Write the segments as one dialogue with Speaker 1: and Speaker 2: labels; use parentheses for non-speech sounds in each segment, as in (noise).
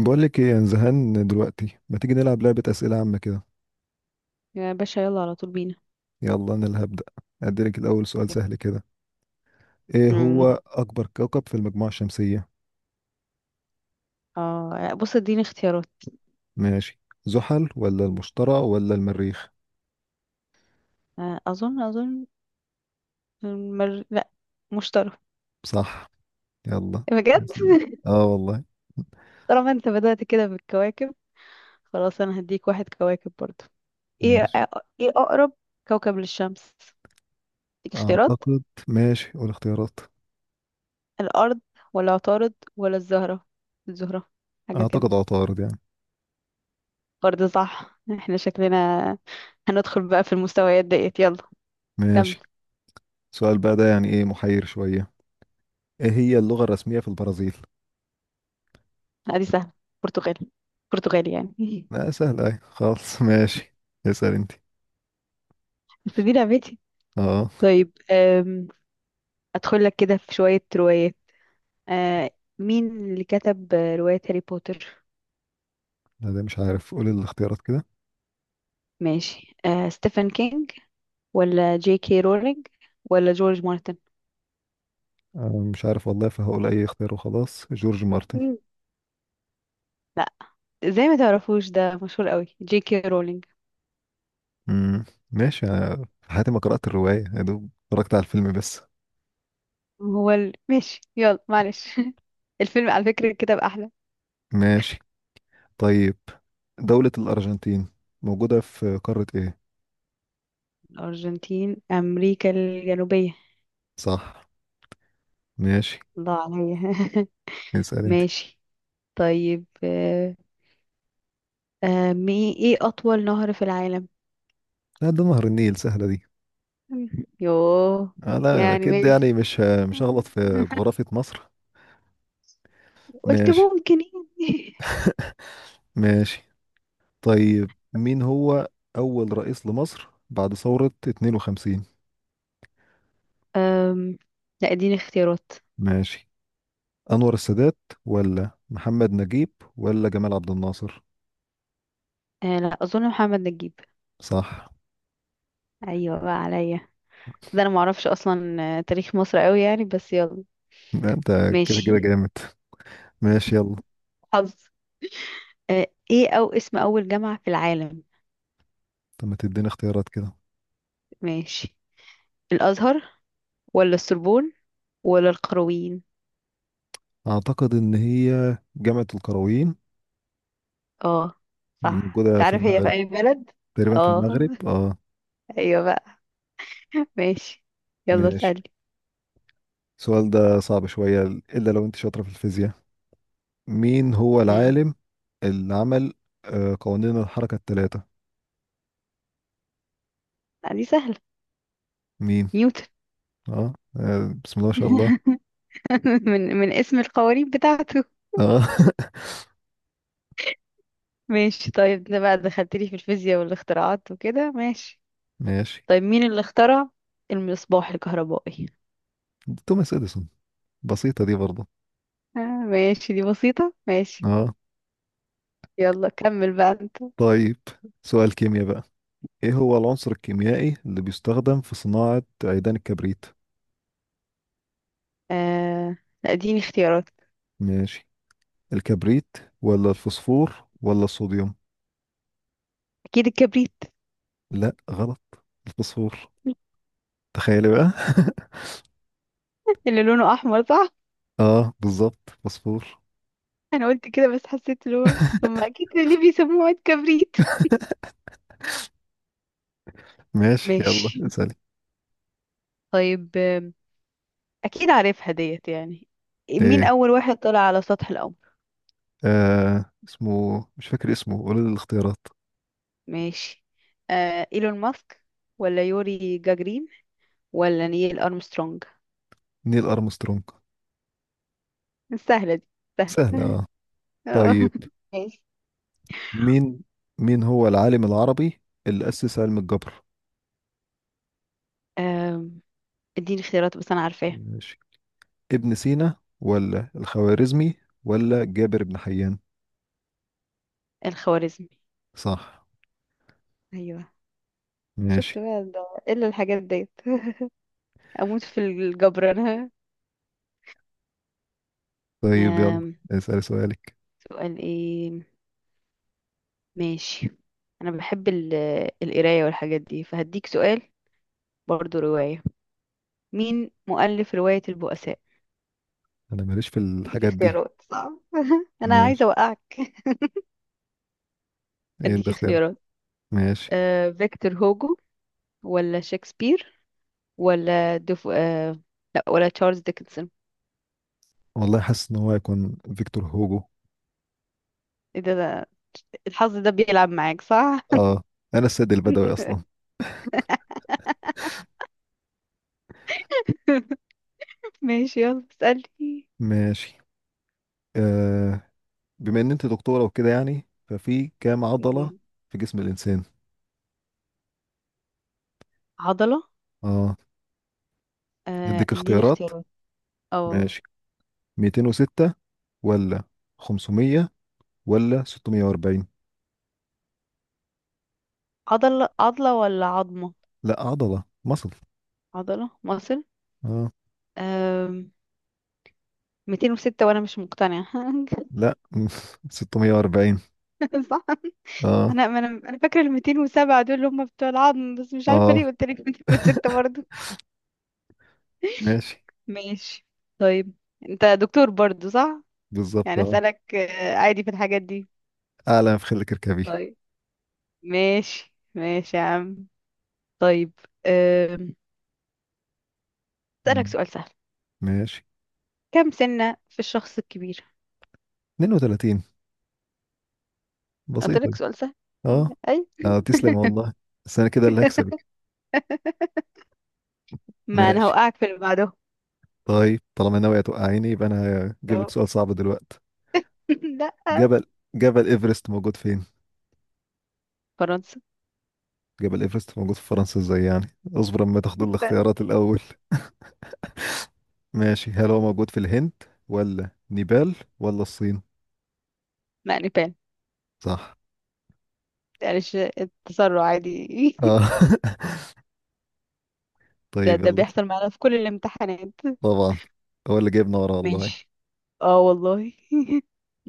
Speaker 1: بقول لك ايه، انا زهقان دلوقتي، ما تيجي نلعب لعبة أسئلة عامة كده.
Speaker 2: يا باشا يلا على طول بينا.
Speaker 1: يلا انا اللي هبدأ. اديلك الاول سؤال
Speaker 2: يب.
Speaker 1: سهل كده. ايه
Speaker 2: مم.
Speaker 1: هو اكبر كوكب في المجموعة الشمسية؟
Speaker 2: اه لا، بص اديني اختيارات.
Speaker 1: ماشي، زحل ولا المشتري ولا المريخ؟
Speaker 2: اظن المر... لا، مشتري
Speaker 1: صح، يلا.
Speaker 2: بجد.
Speaker 1: يا سلام. اه والله.
Speaker 2: طالما انت بدأت كده بالكواكب، خلاص انا هديك واحد كواكب برضو. ايه
Speaker 1: ماشي.
Speaker 2: آه، ايه اقرب كوكب للشمس؟ اديك اختيارات:
Speaker 1: اعتقد. ماشي قول اختيارات.
Speaker 2: الارض ولا عطارد ولا الزهرة؟ الزهرة حاجة كده.
Speaker 1: اعتقد عطارد
Speaker 2: برضه صح، احنا شكلنا هندخل بقى في المستويات ديت. يلا كمل.
Speaker 1: ماشي. سؤال بقى ده ايه محير شوية. ايه هي اللغة الرسمية في البرازيل؟
Speaker 2: ادي سهل، برتغالي، برتغالي يعني. (laughs)
Speaker 1: لا سهل ايه خالص، ماشي. اسأل انت.
Speaker 2: بس دي لعبتي.
Speaker 1: اه،
Speaker 2: طيب أدخل لك كده في شوية روايات. أه، مين اللي كتب رواية هاري بوتر؟
Speaker 1: لا ده مش عارف، قول الاختيارات كده.
Speaker 2: ماشي، ستيفن كينج ولا جي كي رولينج ولا جورج مارتن؟
Speaker 1: أنا مش عارف والله، فهقول اي اختيار وخلاص، جورج مارتن.
Speaker 2: مم. لا، زي ما تعرفوش ده مشهور قوي جي كي رولينج.
Speaker 1: امم. ماشي. أنا في حياتي ما قرأت الرواية، يا دوب اتفرجت على الفيلم بس.
Speaker 2: ماشي يلا معلش. (laughs) الفيلم على فكرة كتاب أحلى.
Speaker 1: ماشي. طيب، دولة الأرجنتين موجودة في قارة ايه؟
Speaker 2: الأرجنتين أمريكا الجنوبية.
Speaker 1: صح. ماشي.
Speaker 2: الله عليا. (laughs)
Speaker 1: اسأل انت.
Speaker 2: ماشي طيب ايه أطول نهر في العالم؟
Speaker 1: لا، ده نهر النيل، سهلة دي.
Speaker 2: يوه،
Speaker 1: آه لا
Speaker 2: يعني
Speaker 1: أكيد
Speaker 2: ماشي،
Speaker 1: مش،
Speaker 2: آه،
Speaker 1: مش هغلط في جغرافية مصر.
Speaker 2: قلت
Speaker 1: ماشي.
Speaker 2: ممكن يعني.
Speaker 1: ماشي. طيب، مين هو أول رئيس لمصر بعد ثورة 52؟
Speaker 2: (laughs) أم، لا اديني اختيارات.
Speaker 1: ماشي، أنور السادات ولا محمد نجيب ولا جمال عبد الناصر؟
Speaker 2: لا اظن محمد نجيب.
Speaker 1: صح.
Speaker 2: ايوه بقى عليا، ده انا معرفش اصلا تاريخ مصر قوي يعني بس يلا.
Speaker 1: لا، أنت كده
Speaker 2: ماشي.
Speaker 1: كده جامد. ماشي يلا.
Speaker 2: حظ. ايه او اسم اول جامعة في العالم؟
Speaker 1: طب ما تديني اختيارات كده.
Speaker 2: ماشي، الازهر ولا السربون ولا القرويين؟
Speaker 1: أعتقد إن هي جامعة القرويين
Speaker 2: اه صح،
Speaker 1: الموجودة في
Speaker 2: تعرف هي في
Speaker 1: المغرب.
Speaker 2: اي بلد؟
Speaker 1: تقريبا في
Speaker 2: اه.
Speaker 1: المغرب اه.
Speaker 2: (laughs) ايوه بقى. ماشي يلا
Speaker 1: ماشي.
Speaker 2: سألي.
Speaker 1: السؤال ده صعب شوية، إلا لو أنت شاطرة في الفيزياء. مين هو
Speaker 2: امم
Speaker 1: العالم اللي عمل قوانين الحركة الثلاثة؟
Speaker 2: دي سهلة،
Speaker 1: مين؟
Speaker 2: نيوتن.
Speaker 1: اه، بسم الله ما شاء الله.
Speaker 2: (laughs) (laughs) من من اسم القوانين بتاعته.
Speaker 1: اه
Speaker 2: ماشي طيب، ده بقى دخلت لي في الفيزياء والاختراعات وكده ماشي.
Speaker 1: (laughs) ماشي.
Speaker 2: طيب مين اللي اخترع المصباح الكهربائي؟
Speaker 1: توماس اديسون. بسيطة دي برضه.
Speaker 2: آه ماشي دي بسيطة ماشي.
Speaker 1: اه.
Speaker 2: يلا كمل بقى انت.
Speaker 1: طيب سؤال كيمياء بقى. ايه هو العنصر الكيميائي اللي بيستخدم في صناعة عيدان الكبريت؟
Speaker 2: آه لا اديني اختيارات.
Speaker 1: ماشي، الكبريت ولا الفوسفور ولا الصوديوم؟
Speaker 2: اكيد الكبريت.
Speaker 1: لا غلط، الفوسفور. تخيلي بقى (laughs)
Speaker 2: اللي لونه احمر صح؟
Speaker 1: اه بالظبط، فوسفور.
Speaker 2: انا قلت كده بس حسيت اللي هو ثم اكيد اللي بيسموه عيد كبريت.
Speaker 1: ماشي، يلا
Speaker 2: ماشي
Speaker 1: اسألي.
Speaker 2: طيب، اكيد عارفها ديت يعني. مين
Speaker 1: ايه؟
Speaker 2: اول واحد طلع على سطح القمر؟
Speaker 1: آه اسمه، مش فاكر اسمه، قولي لي الاختيارات.
Speaker 2: ماشي، ايلون ماسك ولا يوري جاجرين ولا نيل ارمسترونج؟
Speaker 1: نيل ارمسترونج.
Speaker 2: سهلة دي، سهلة.
Speaker 1: سهلة
Speaker 2: (laughs)
Speaker 1: اه.
Speaker 2: اه
Speaker 1: طيب.
Speaker 2: ماشي.
Speaker 1: مين مين هو العالم العربي اللي أسس علم الجبر؟
Speaker 2: آم، اديني اختيارات بس انا عارفاه.
Speaker 1: ماشي، ابن سينا ولا الخوارزمي ولا جابر بن حيان؟
Speaker 2: الخوارزمي.
Speaker 1: صح.
Speaker 2: ايوه،
Speaker 1: ماشي.
Speaker 2: شفت بقى ده الا الحاجات ديت، اموت في الجبر انا.
Speaker 1: طيب يلا،
Speaker 2: آم،
Speaker 1: اسأل سؤالك.
Speaker 2: سؤال ايه، ماشي. انا بحب القرايه والحاجات دي فهديك سؤال برضو روايه. مين مؤلف روايه البؤساء؟
Speaker 1: انا ماليش في
Speaker 2: اديك
Speaker 1: الحاجات دي.
Speaker 2: اختيارات صعب (laughs) انا عايزه
Speaker 1: ماشي.
Speaker 2: اوقعك.
Speaker 1: ايه اللي
Speaker 2: هديك
Speaker 1: اختار؟
Speaker 2: اختيارات:
Speaker 1: ماشي.
Speaker 2: فيكتور هوجو ولا شكسبير ولا دف... آه، لا ولا تشارلز ديكنسون؟
Speaker 1: والله حاسس ان هو هيكون فيكتور هوجو.
Speaker 2: ايه ده ده- الحظ ده بيلعب معاك صح.
Speaker 1: اه، انا السيد البدوي اصلا.
Speaker 2: (laughs) ماشي يلا اسألني.
Speaker 1: ماشي. آه، بما ان انت دكتورة وكده، ففي كام عضلة
Speaker 2: مم.
Speaker 1: في جسم الانسان؟
Speaker 2: عضلة.
Speaker 1: اه، اديك
Speaker 2: اديني
Speaker 1: اختيارات.
Speaker 2: اختيارات. اه،
Speaker 1: ماشي، 206 ولا 500 ولا 640؟
Speaker 2: عضلة عضلة ولا عظمة؟
Speaker 1: لا عضلة مصل.
Speaker 2: عضلة مصر.
Speaker 1: اه.
Speaker 2: آم، 206 وانا مش مقتنعة. (laughs)
Speaker 1: لا (laughs) 640.
Speaker 2: صح.
Speaker 1: اه.
Speaker 2: انا فاكرة ال 207 دول اللي هم بتوع العظم، بس مش عارفة
Speaker 1: اه.
Speaker 2: ليه قلت لك 206 برضه.
Speaker 1: ماشي.
Speaker 2: ماشي طيب، انت دكتور برضو صح؟
Speaker 1: بالظبط
Speaker 2: يعني
Speaker 1: اه.
Speaker 2: اسالك عادي في الحاجات دي.
Speaker 1: اعلى ما في خلك اركبي.
Speaker 2: طيب ماشي ماشي يا عم. طيب أم، اسالك
Speaker 1: مم.
Speaker 2: سؤال سهل.
Speaker 1: ماشي.
Speaker 2: كم سنة في الشخص الكبير؟
Speaker 1: 32.
Speaker 2: قلت
Speaker 1: بسيطة.
Speaker 2: لك سؤال سهل.
Speaker 1: اه.
Speaker 2: اي.
Speaker 1: اه تسلم والله، بس انا كده اللي هكسبك.
Speaker 2: (laughs) ما انا
Speaker 1: ماشي.
Speaker 2: هوقعك في اللي بعده.
Speaker 1: طيب طالما ناوية توقعيني، يبقى انا هجيب لك
Speaker 2: أهو.
Speaker 1: سؤال صعب دلوقتي.
Speaker 2: (laughs) لا،
Speaker 1: جبل، جبل ايفرست موجود فين؟
Speaker 2: فرنسا.
Speaker 1: جبل ايفرست موجود في فرنسا ازاي يعني؟ اصبر اما تاخد
Speaker 2: استنى.
Speaker 1: الاختيارات الاول. ماشي، هل هو موجود في الهند ولا نيبال ولا الصين؟
Speaker 2: لا، نيبال.
Speaker 1: صح.
Speaker 2: معلش التسرع عادي.
Speaker 1: اه
Speaker 2: (laughs)
Speaker 1: (laughs)
Speaker 2: ده
Speaker 1: طيب
Speaker 2: ده
Speaker 1: يلا.
Speaker 2: بيحصل معانا في كل الامتحانات.
Speaker 1: طبعا، هو اللي جايبنا ورا والله.
Speaker 2: ماشي، اه والله.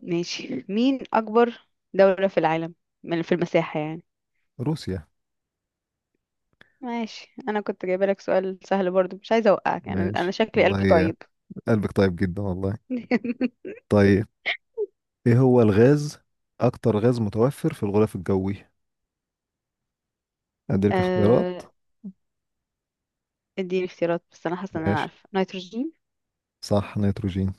Speaker 2: ماشي، مين أكبر دولة في العالم من في المساحة يعني؟
Speaker 1: روسيا.
Speaker 2: ماشي، أنا كنت جايبة لك سؤال سهل برضو مش عايزة أوقعك، يعني أنا
Speaker 1: ماشي
Speaker 2: شكلي قلبي
Speaker 1: والله،
Speaker 2: طيب.
Speaker 1: قلبك طيب جدا والله.
Speaker 2: (laughs)
Speaker 1: طيب، ايه هو الغاز، اكتر غاز متوفر في الغلاف الجوي؟ اديلك اختيارات.
Speaker 2: آه، اديني اختيارات بس أنا حاسة إن أنا
Speaker 1: ماشي.
Speaker 2: عارفة، نيتروجين.
Speaker 1: صح، نيتروجين.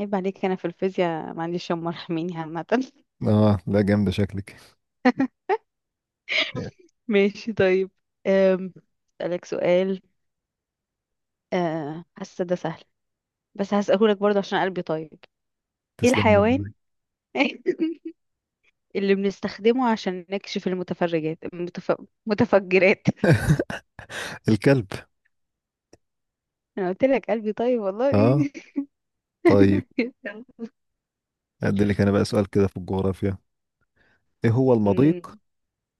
Speaker 2: عيب عليك أنا في الفيزياء معلش هم مرحميني عامة.
Speaker 1: اه لا جامدة شكلك.
Speaker 2: (laughs) ماشي طيب، أم، أسألك سؤال حاسة ده سهل بس هسألهولك برضه عشان قلبي طيب. ايه
Speaker 1: تسلم
Speaker 2: الحيوان
Speaker 1: والله.
Speaker 2: (laughs) اللي بنستخدمه عشان نكشف متفجرات؟
Speaker 1: الكلب.
Speaker 2: انا قلت لك قلبي طيب
Speaker 1: اه.
Speaker 2: والله.
Speaker 1: طيب،
Speaker 2: (laughs)
Speaker 1: اديلك انا بقى سؤال كده في الجغرافيا. ايه هو
Speaker 2: أمم،
Speaker 1: المضيق،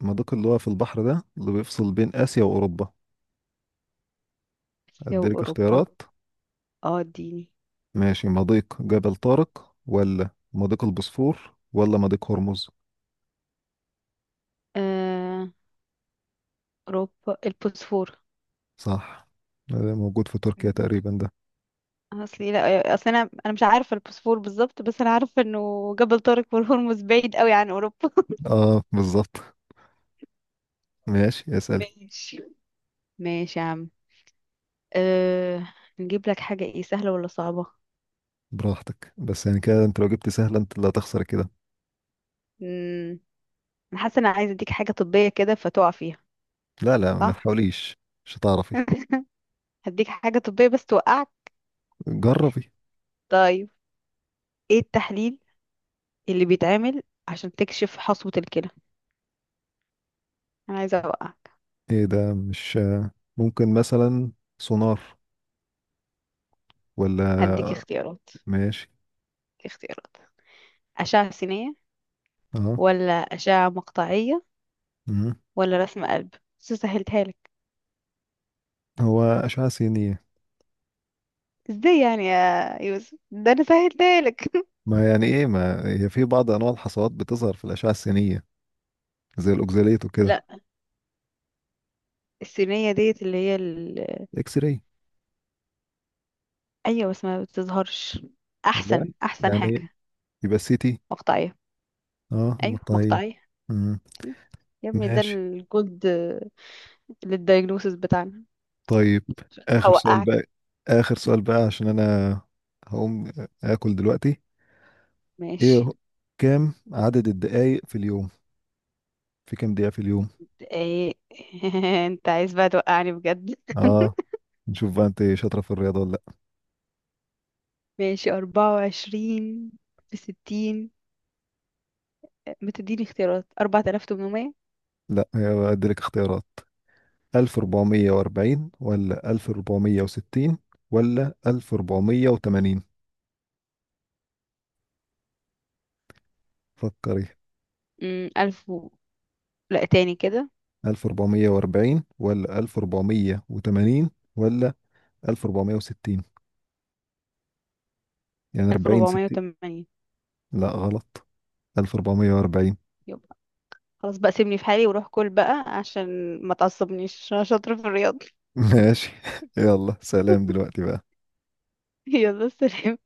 Speaker 1: المضيق اللي هو في البحر، ده اللي بيفصل بين اسيا واوروبا؟
Speaker 2: اسيا
Speaker 1: اديلك
Speaker 2: واوروبا.
Speaker 1: اختيارات.
Speaker 2: (laughs) اه اديني.
Speaker 1: ماشي، مضيق جبل طارق ولا مضيق البوسفور ولا مضيق هرمز؟
Speaker 2: آه، اوروبا، البوسفور.
Speaker 1: صح، ده موجود في تركيا تقريبا ده.
Speaker 2: اصلي لا، اصل انا مش عارفه البوسفور بالظبط بس انا عارفه انه جبل طارق والهرمز بعيد قوي عن اوروبا. (laughs)
Speaker 1: اه بالظبط. ماشي اسألي.
Speaker 2: ماشي ماشي يا عم. أه... نجيب لك حاجه ايه سهله ولا صعبه؟
Speaker 1: براحتك، بس كده انت لو جبت سهلة، انت اللي هتخسر كده.
Speaker 2: امم، انا حاسه انا عايزه اديك حاجه طبيه كده فتقع فيها.
Speaker 1: لا، ما
Speaker 2: صح.
Speaker 1: تحاوليش، مش هتعرفي.
Speaker 2: (laughs) هديك حاجه طبيه بس توقعك.
Speaker 1: جربي.
Speaker 2: طيب ايه التحليل اللي بيتعمل عشان تكشف حصوة الكلى؟ انا عايزه اوقعك.
Speaker 1: ايه ده؟ مش ممكن مثلا سونار ولا.
Speaker 2: هديك اختيارات،
Speaker 1: ماشي.
Speaker 2: اختيارات: اشعه سينيه
Speaker 1: اه.
Speaker 2: ولا اشعه مقطعيه
Speaker 1: مم.
Speaker 2: ولا رسم قلب؟ بس سهلتها لك.
Speaker 1: هو أشعة سينية.
Speaker 2: ازاي يعني يا يوسف، ده انا سهلتها لك.
Speaker 1: ما يعني ايه، ما هي في بعض انواع الحصوات بتظهر في الأشعة السينية، زي الأوكزاليت
Speaker 2: (laughs)
Speaker 1: وكده.
Speaker 2: لا، السينيه ديت اللي هي ال...
Speaker 1: اكس راي.
Speaker 2: ايوه بس ما بتظهرش، احسن
Speaker 1: والله
Speaker 2: احسن حاجه
Speaker 1: يعني يبقى سيتي.
Speaker 2: مقطعيه.
Speaker 1: اه
Speaker 2: ايوه
Speaker 1: طيب.
Speaker 2: مقطعيه.
Speaker 1: مم.
Speaker 2: أيوة. يا ابني ده
Speaker 1: ماشي.
Speaker 2: الجولد للدايجنوسيس بتاعنا.
Speaker 1: طيب، آخر سؤال
Speaker 2: هوقعك.
Speaker 1: بقى. آخر سؤال بقى عشان أنا هقوم آكل دلوقتي. إيه
Speaker 2: ماشي،
Speaker 1: هو- كام عدد الدقايق في اليوم؟ في كام دقيقة في اليوم؟
Speaker 2: ايه. (laughs) انت عايز بقى توقعني بجد؟
Speaker 1: آه، نشوف بقى أنت شاطرة في الرياضة ولا لأ.
Speaker 2: (laughs) ماشي، 24 بـ60. بتديني اختيارات؟ 4800.
Speaker 1: لأ، هي أديلك اختيارات، 1440 ولا 1460 ولا 1480؟ فكري.
Speaker 2: ألف و... لا تاني كده.
Speaker 1: 1440 ولا 1480 ولا 1460؟ يعني
Speaker 2: ألف
Speaker 1: 40،
Speaker 2: ربعمية
Speaker 1: 60.
Speaker 2: وتمانين
Speaker 1: لا غلط، 1440.
Speaker 2: يبقى خلاص بقى، سيبني في حالي وروح كل بقى عشان ما تعصبنيش عشان شاطرة في الرياضة.
Speaker 1: (laughs) ماشي. (laughs) يلا سلام دلوقتي بقى.
Speaker 2: (laughs) يلا سلام.